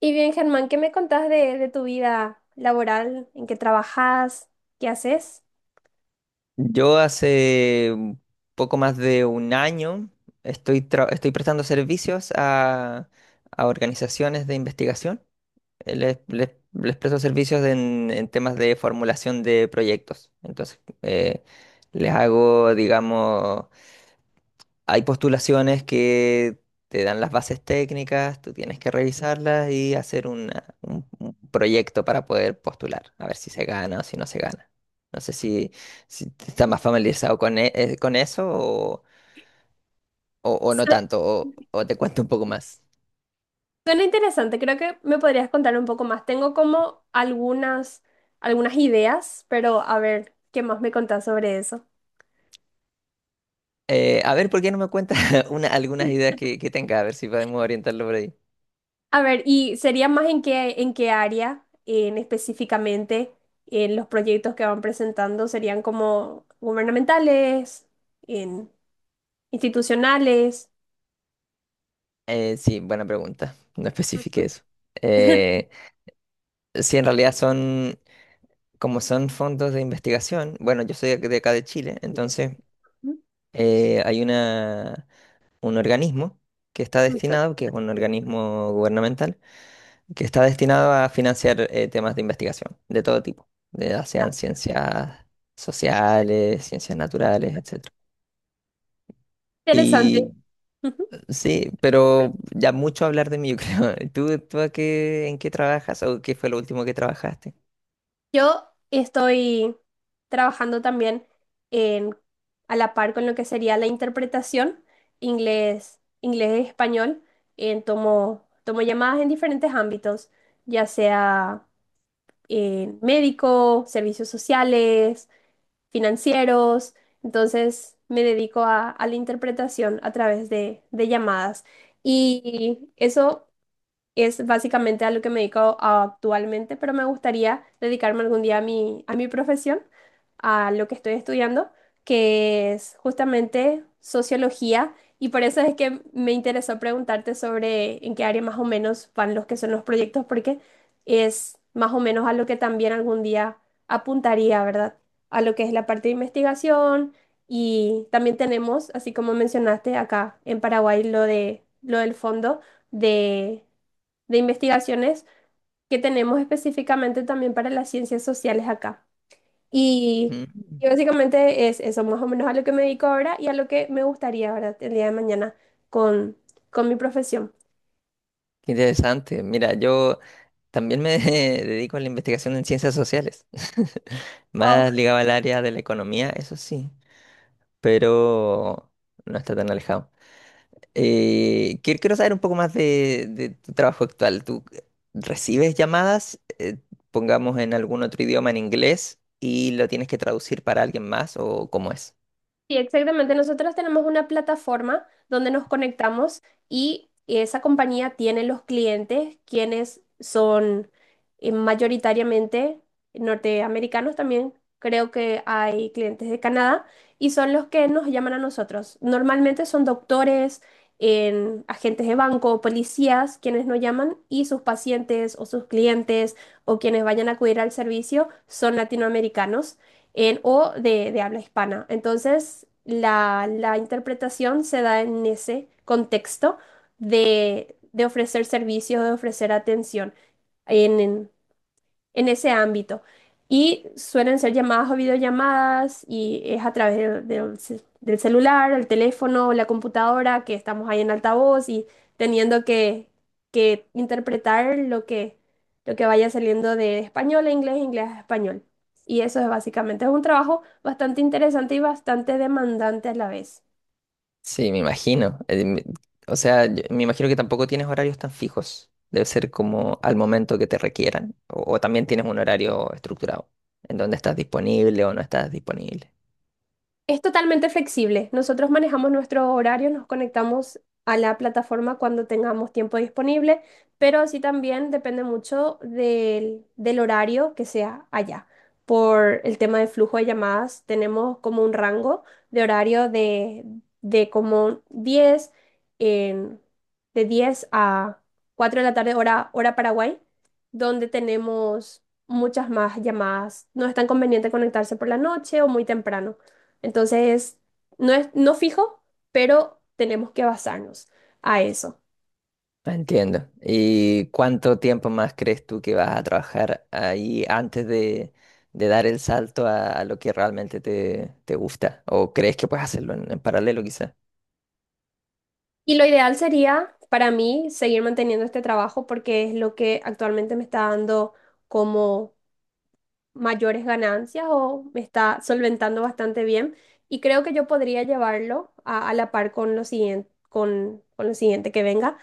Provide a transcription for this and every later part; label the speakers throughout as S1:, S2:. S1: Y bien, Germán, ¿qué me contás de tu vida laboral? ¿En qué trabajas? ¿Qué haces?
S2: Yo hace un poco más de un año estoy, estoy prestando servicios a organizaciones de investigación. Les presto servicios en temas de formulación de proyectos. Entonces, les hago, digamos, hay postulaciones que te dan las bases técnicas, tú tienes que revisarlas y hacer un proyecto para poder postular, a ver si se gana o si no se gana. No sé si, si estás más familiarizado con, con eso o, o no
S1: Su-
S2: tanto, o te cuento un poco más.
S1: Suena interesante, creo que me podrías contar un poco más. Tengo como algunas ideas, pero a ver, ¿qué más me contás sobre eso?
S2: A ver, ¿por qué no me cuentas algunas ideas que tenga? A ver si podemos orientarlo por ahí.
S1: A ver, ¿y sería más en qué área, en específicamente, en los proyectos que van presentando? ¿Serían como gubernamentales, en institucionales?
S2: Sí, buena pregunta. No especifique
S1: Ujú,
S2: eso. Eh, sí, en realidad son como son fondos de investigación. Bueno, yo soy de acá de Chile, entonces
S1: ujú.
S2: hay una, un organismo que está destinado,
S1: Bien.
S2: que es un organismo gubernamental, que está destinado a financiar temas de investigación de todo tipo, de, ya sean ciencias sociales, ciencias naturales, etcétera.
S1: Interesante.
S2: Y sí, pero ya mucho hablar de mí, yo creo. ¿Tú a qué, en qué trabajas o qué fue lo último que trabajaste?
S1: Yo estoy trabajando también en, a la par con lo que sería la interpretación inglés, inglés español. En, tomo llamadas en diferentes ámbitos, ya sea en médico, servicios sociales, financieros. Entonces me dedico a la interpretación a través de llamadas. Y eso es básicamente a lo que me dedico actualmente, pero me gustaría dedicarme algún día a a mi profesión, a lo que estoy estudiando, que es justamente sociología, y por eso es que me interesó preguntarte sobre en qué área más o menos van los que son los proyectos, porque es más o menos a lo que también algún día apuntaría, ¿verdad? A lo que es la parte de investigación y también tenemos, así como mencionaste acá en Paraguay, lo lo del fondo de de investigaciones que tenemos específicamente también para las ciencias sociales acá. Y,
S2: Mm,
S1: y básicamente es eso, más o menos a lo que me dedico ahora y a lo que me gustaría, ¿verdad?, el día de mañana con, con mi profesión.
S2: qué interesante. Mira, yo también me dedico a la investigación en ciencias sociales,
S1: Wow.
S2: más ligado al área de la economía, eso sí, pero no está tan alejado. Quiero saber un poco más de tu trabajo actual. ¿Tú recibes llamadas, pongamos en algún otro idioma, en inglés, y lo tienes que traducir para alguien más o cómo es?
S1: Sí, exactamente. Nosotros tenemos una plataforma donde nos conectamos y esa compañía tiene los clientes quienes son mayoritariamente norteamericanos también. Creo que hay clientes de Canadá y son los que nos llaman a nosotros. Normalmente son doctores, en agentes de banco, policías quienes nos llaman y sus pacientes o sus clientes o quienes vayan a acudir al servicio son latinoamericanos en, o de habla hispana. Entonces, la interpretación se da en ese contexto de ofrecer servicios, de ofrecer atención. En, en- en ese ámbito. Y suelen ser llamadas o videollamadas y es a través del, del celular, el teléfono o la computadora que estamos ahí en altavoz y teniendo que interpretar lo que vaya saliendo de español a inglés, inglés a español. Y eso es básicamente, es un trabajo bastante interesante y bastante demandante a la vez.
S2: Sí, me imagino. O sea, me imagino que tampoco tienes horarios tan fijos. Debe ser como al momento que te requieran. O también tienes un horario estructurado en donde estás disponible o no estás disponible.
S1: Es totalmente flexible. Nosotros manejamos nuestros horarios, nos conectamos a la plataforma cuando tengamos tiempo disponible, pero sí también depende mucho del, del horario que sea allá. Por el tema de flujo de llamadas, tenemos como un rango de horario de como en- de 10 a 4 de la tarde, hora Paraguay, donde tenemos muchas más llamadas. No es tan conveniente conectarse por la noche o muy temprano. Entonces, no es no fijo, pero tenemos que basarnos a eso.
S2: Ah, entiendo. ¿Y cuánto tiempo más crees tú que vas a trabajar ahí antes de dar el salto a lo que realmente te, te gusta? ¿O crees que puedes hacerlo en paralelo quizás?
S1: Y lo ideal sería para mí seguir manteniendo este trabajo porque es lo que actualmente me está dando como mayores ganancias o me está solventando bastante bien. Y creo que yo podría llevarlo a la par con lo siguiente que venga.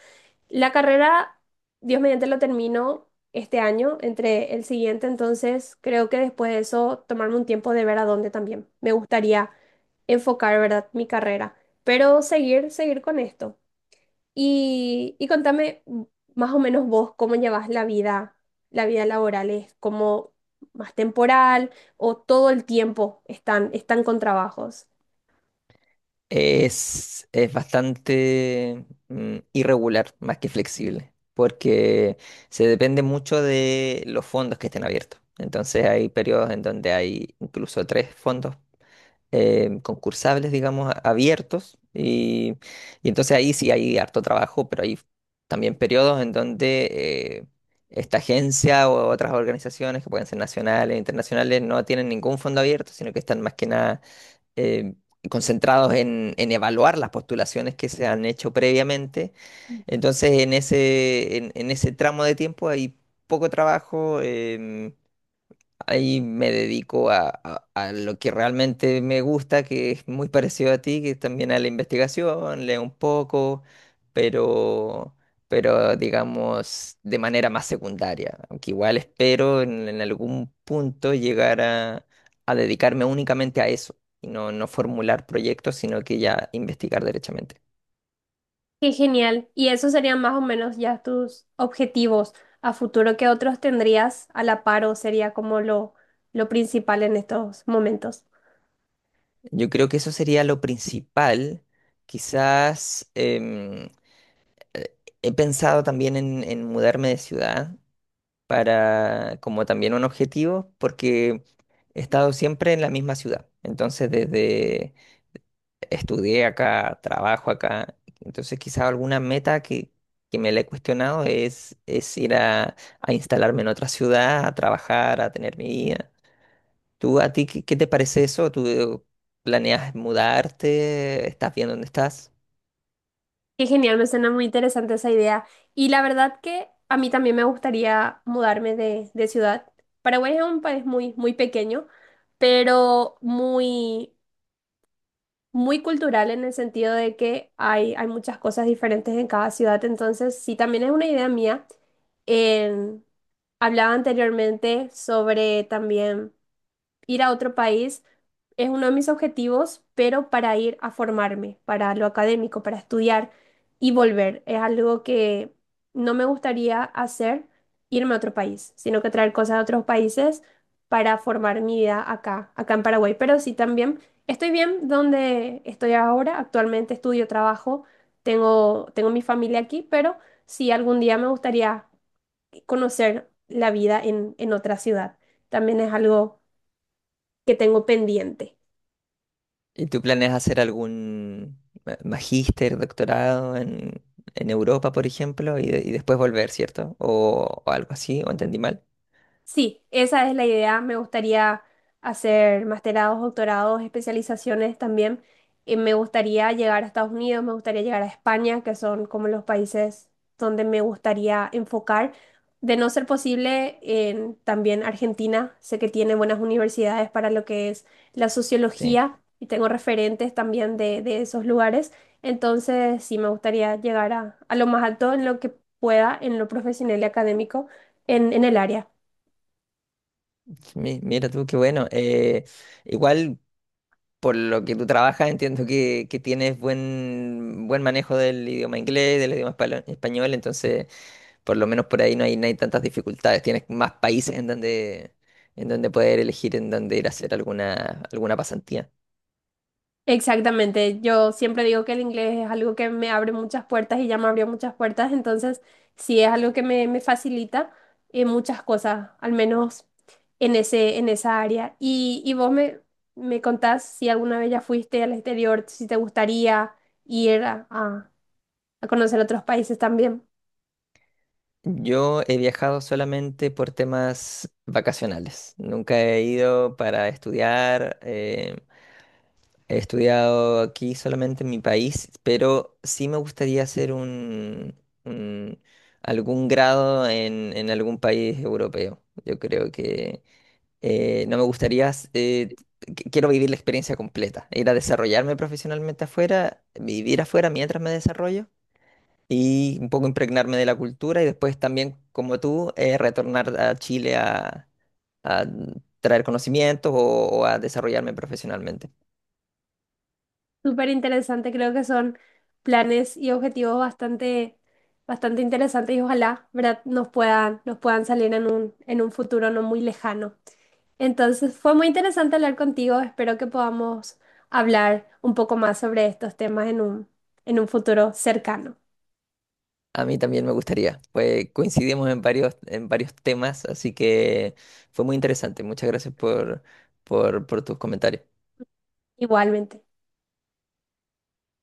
S1: La carrera, Dios mediante, la termino este año, entre el siguiente, entonces creo que después de eso tomarme un tiempo de ver a dónde también. Me gustaría enfocar, ¿verdad?, mi carrera, pero seguir, seguir con esto. Y contame más o menos vos cómo llevas la vida laboral, ¿es como más temporal o todo el tiempo están, están con trabajos?
S2: Es bastante mm, irregular, más que flexible, porque se depende mucho de los fondos que estén abiertos. Entonces hay periodos en donde hay incluso tres fondos concursables, digamos, abiertos. Y entonces ahí sí hay harto trabajo, pero hay también periodos en donde eh, esta agencia o otras organizaciones que pueden ser nacionales, e internacionales, no tienen ningún fondo abierto, sino que están más que nada eh, concentrados en evaluar las postulaciones que se han hecho previamente. Entonces, en ese tramo de tiempo hay poco trabajo. Ahí me dedico a, a lo que realmente me gusta, que es muy parecido a ti, que es también a la investigación, leo un poco, pero, pero digamos de manera más secundaria. Aunque igual espero en algún punto llegar a dedicarme únicamente a eso y no, no formular proyectos, sino que ya investigar derechamente.
S1: Qué genial. Y esos serían más o menos ya tus objetivos a futuro. ¿Qué otros tendrías a la par o sería como lo principal en estos momentos?
S2: Yo creo que eso sería lo principal. Quizás eh, he pensado también en mudarme de ciudad para como también un objetivo, porque he estado siempre en la misma ciudad. Entonces, desde estudié acá, trabajo acá, entonces quizá alguna meta que me la he cuestionado es ir a instalarme en otra ciudad, a trabajar, a tener mi vida. ¿Tú a ti qué, qué te parece eso? ¿Tú planeas mudarte? ¿Estás bien donde estás?
S1: Qué genial, me suena muy interesante esa idea. Y la verdad que a mí también me gustaría mudarme de ciudad. Paraguay es un país muy, muy pequeño, pero muy muy cultural en el sentido de que hay muchas cosas diferentes en cada ciudad, entonces sí, también es una idea mía. En- Hablaba anteriormente sobre también ir a otro país es uno de mis objetivos, pero para ir a formarme, para lo académico, para estudiar y volver. Es algo que no me gustaría hacer, irme a otro país, sino que traer cosas de otros países para formar mi vida acá, acá en Paraguay. Pero sí también estoy bien donde estoy ahora. Actualmente estudio, trabajo, tengo mi familia aquí, pero sí algún día me gustaría conocer la vida en otra ciudad. También es algo que tengo pendiente.
S2: ¿Y tu plan es hacer algún magíster, doctorado en Europa, por ejemplo, y, y después volver, cierto? O algo así, ¿o entendí mal?
S1: Sí, esa es la idea. Me gustaría hacer masterados, doctorados, especializaciones también. Y me gustaría llegar a Estados Unidos, me gustaría llegar a España, que son como los países donde me gustaría enfocar. De no ser posible, en también Argentina. Sé que tiene buenas universidades para lo que es la
S2: Sí.
S1: sociología y tengo referentes también de esos lugares. Entonces, sí, me gustaría llegar a lo más alto en lo que pueda, en lo profesional y académico, en el área.
S2: Mi- Mira tú, qué bueno. Igual, por lo que tú trabajas, entiendo que tienes buen, buen manejo del idioma inglés, del idioma español, entonces, por lo menos por ahí no hay, no hay tantas dificultades. Tienes más países en donde poder elegir, en donde ir a hacer alguna, alguna pasantía.
S1: Exactamente, yo siempre digo que el inglés es algo que me abre muchas puertas y ya me abrió muchas puertas, entonces sí es algo que me facilita muchas cosas, al menos en ese, en esa área. Y vos me contás si alguna vez ya fuiste al exterior, si te gustaría ir a conocer otros países también.
S2: Yo he viajado solamente por temas vacacionales. Nunca he ido para estudiar. He estudiado aquí solamente en mi país, pero sí me gustaría hacer un, un- algún grado en algún país europeo. Yo creo que no me gustaría quiero vivir la experiencia completa. Ir a desarrollarme profesionalmente afuera, vivir afuera mientras me desarrollo y un poco impregnarme de la cultura y después también, como tú, retornar a Chile a traer conocimientos o a desarrollarme profesionalmente.
S1: Súper interesante, creo que son planes y objetivos bastante, bastante interesantes y ojalá, ¿verdad?, nos puedan salir en un futuro no muy lejano. Entonces, fue muy interesante hablar contigo. Espero que podamos hablar un poco más sobre estos temas en un futuro cercano.
S2: A mí también me gustaría, pues coincidimos en varios temas, así que fue muy interesante. Muchas gracias por tus comentarios.
S1: Igualmente.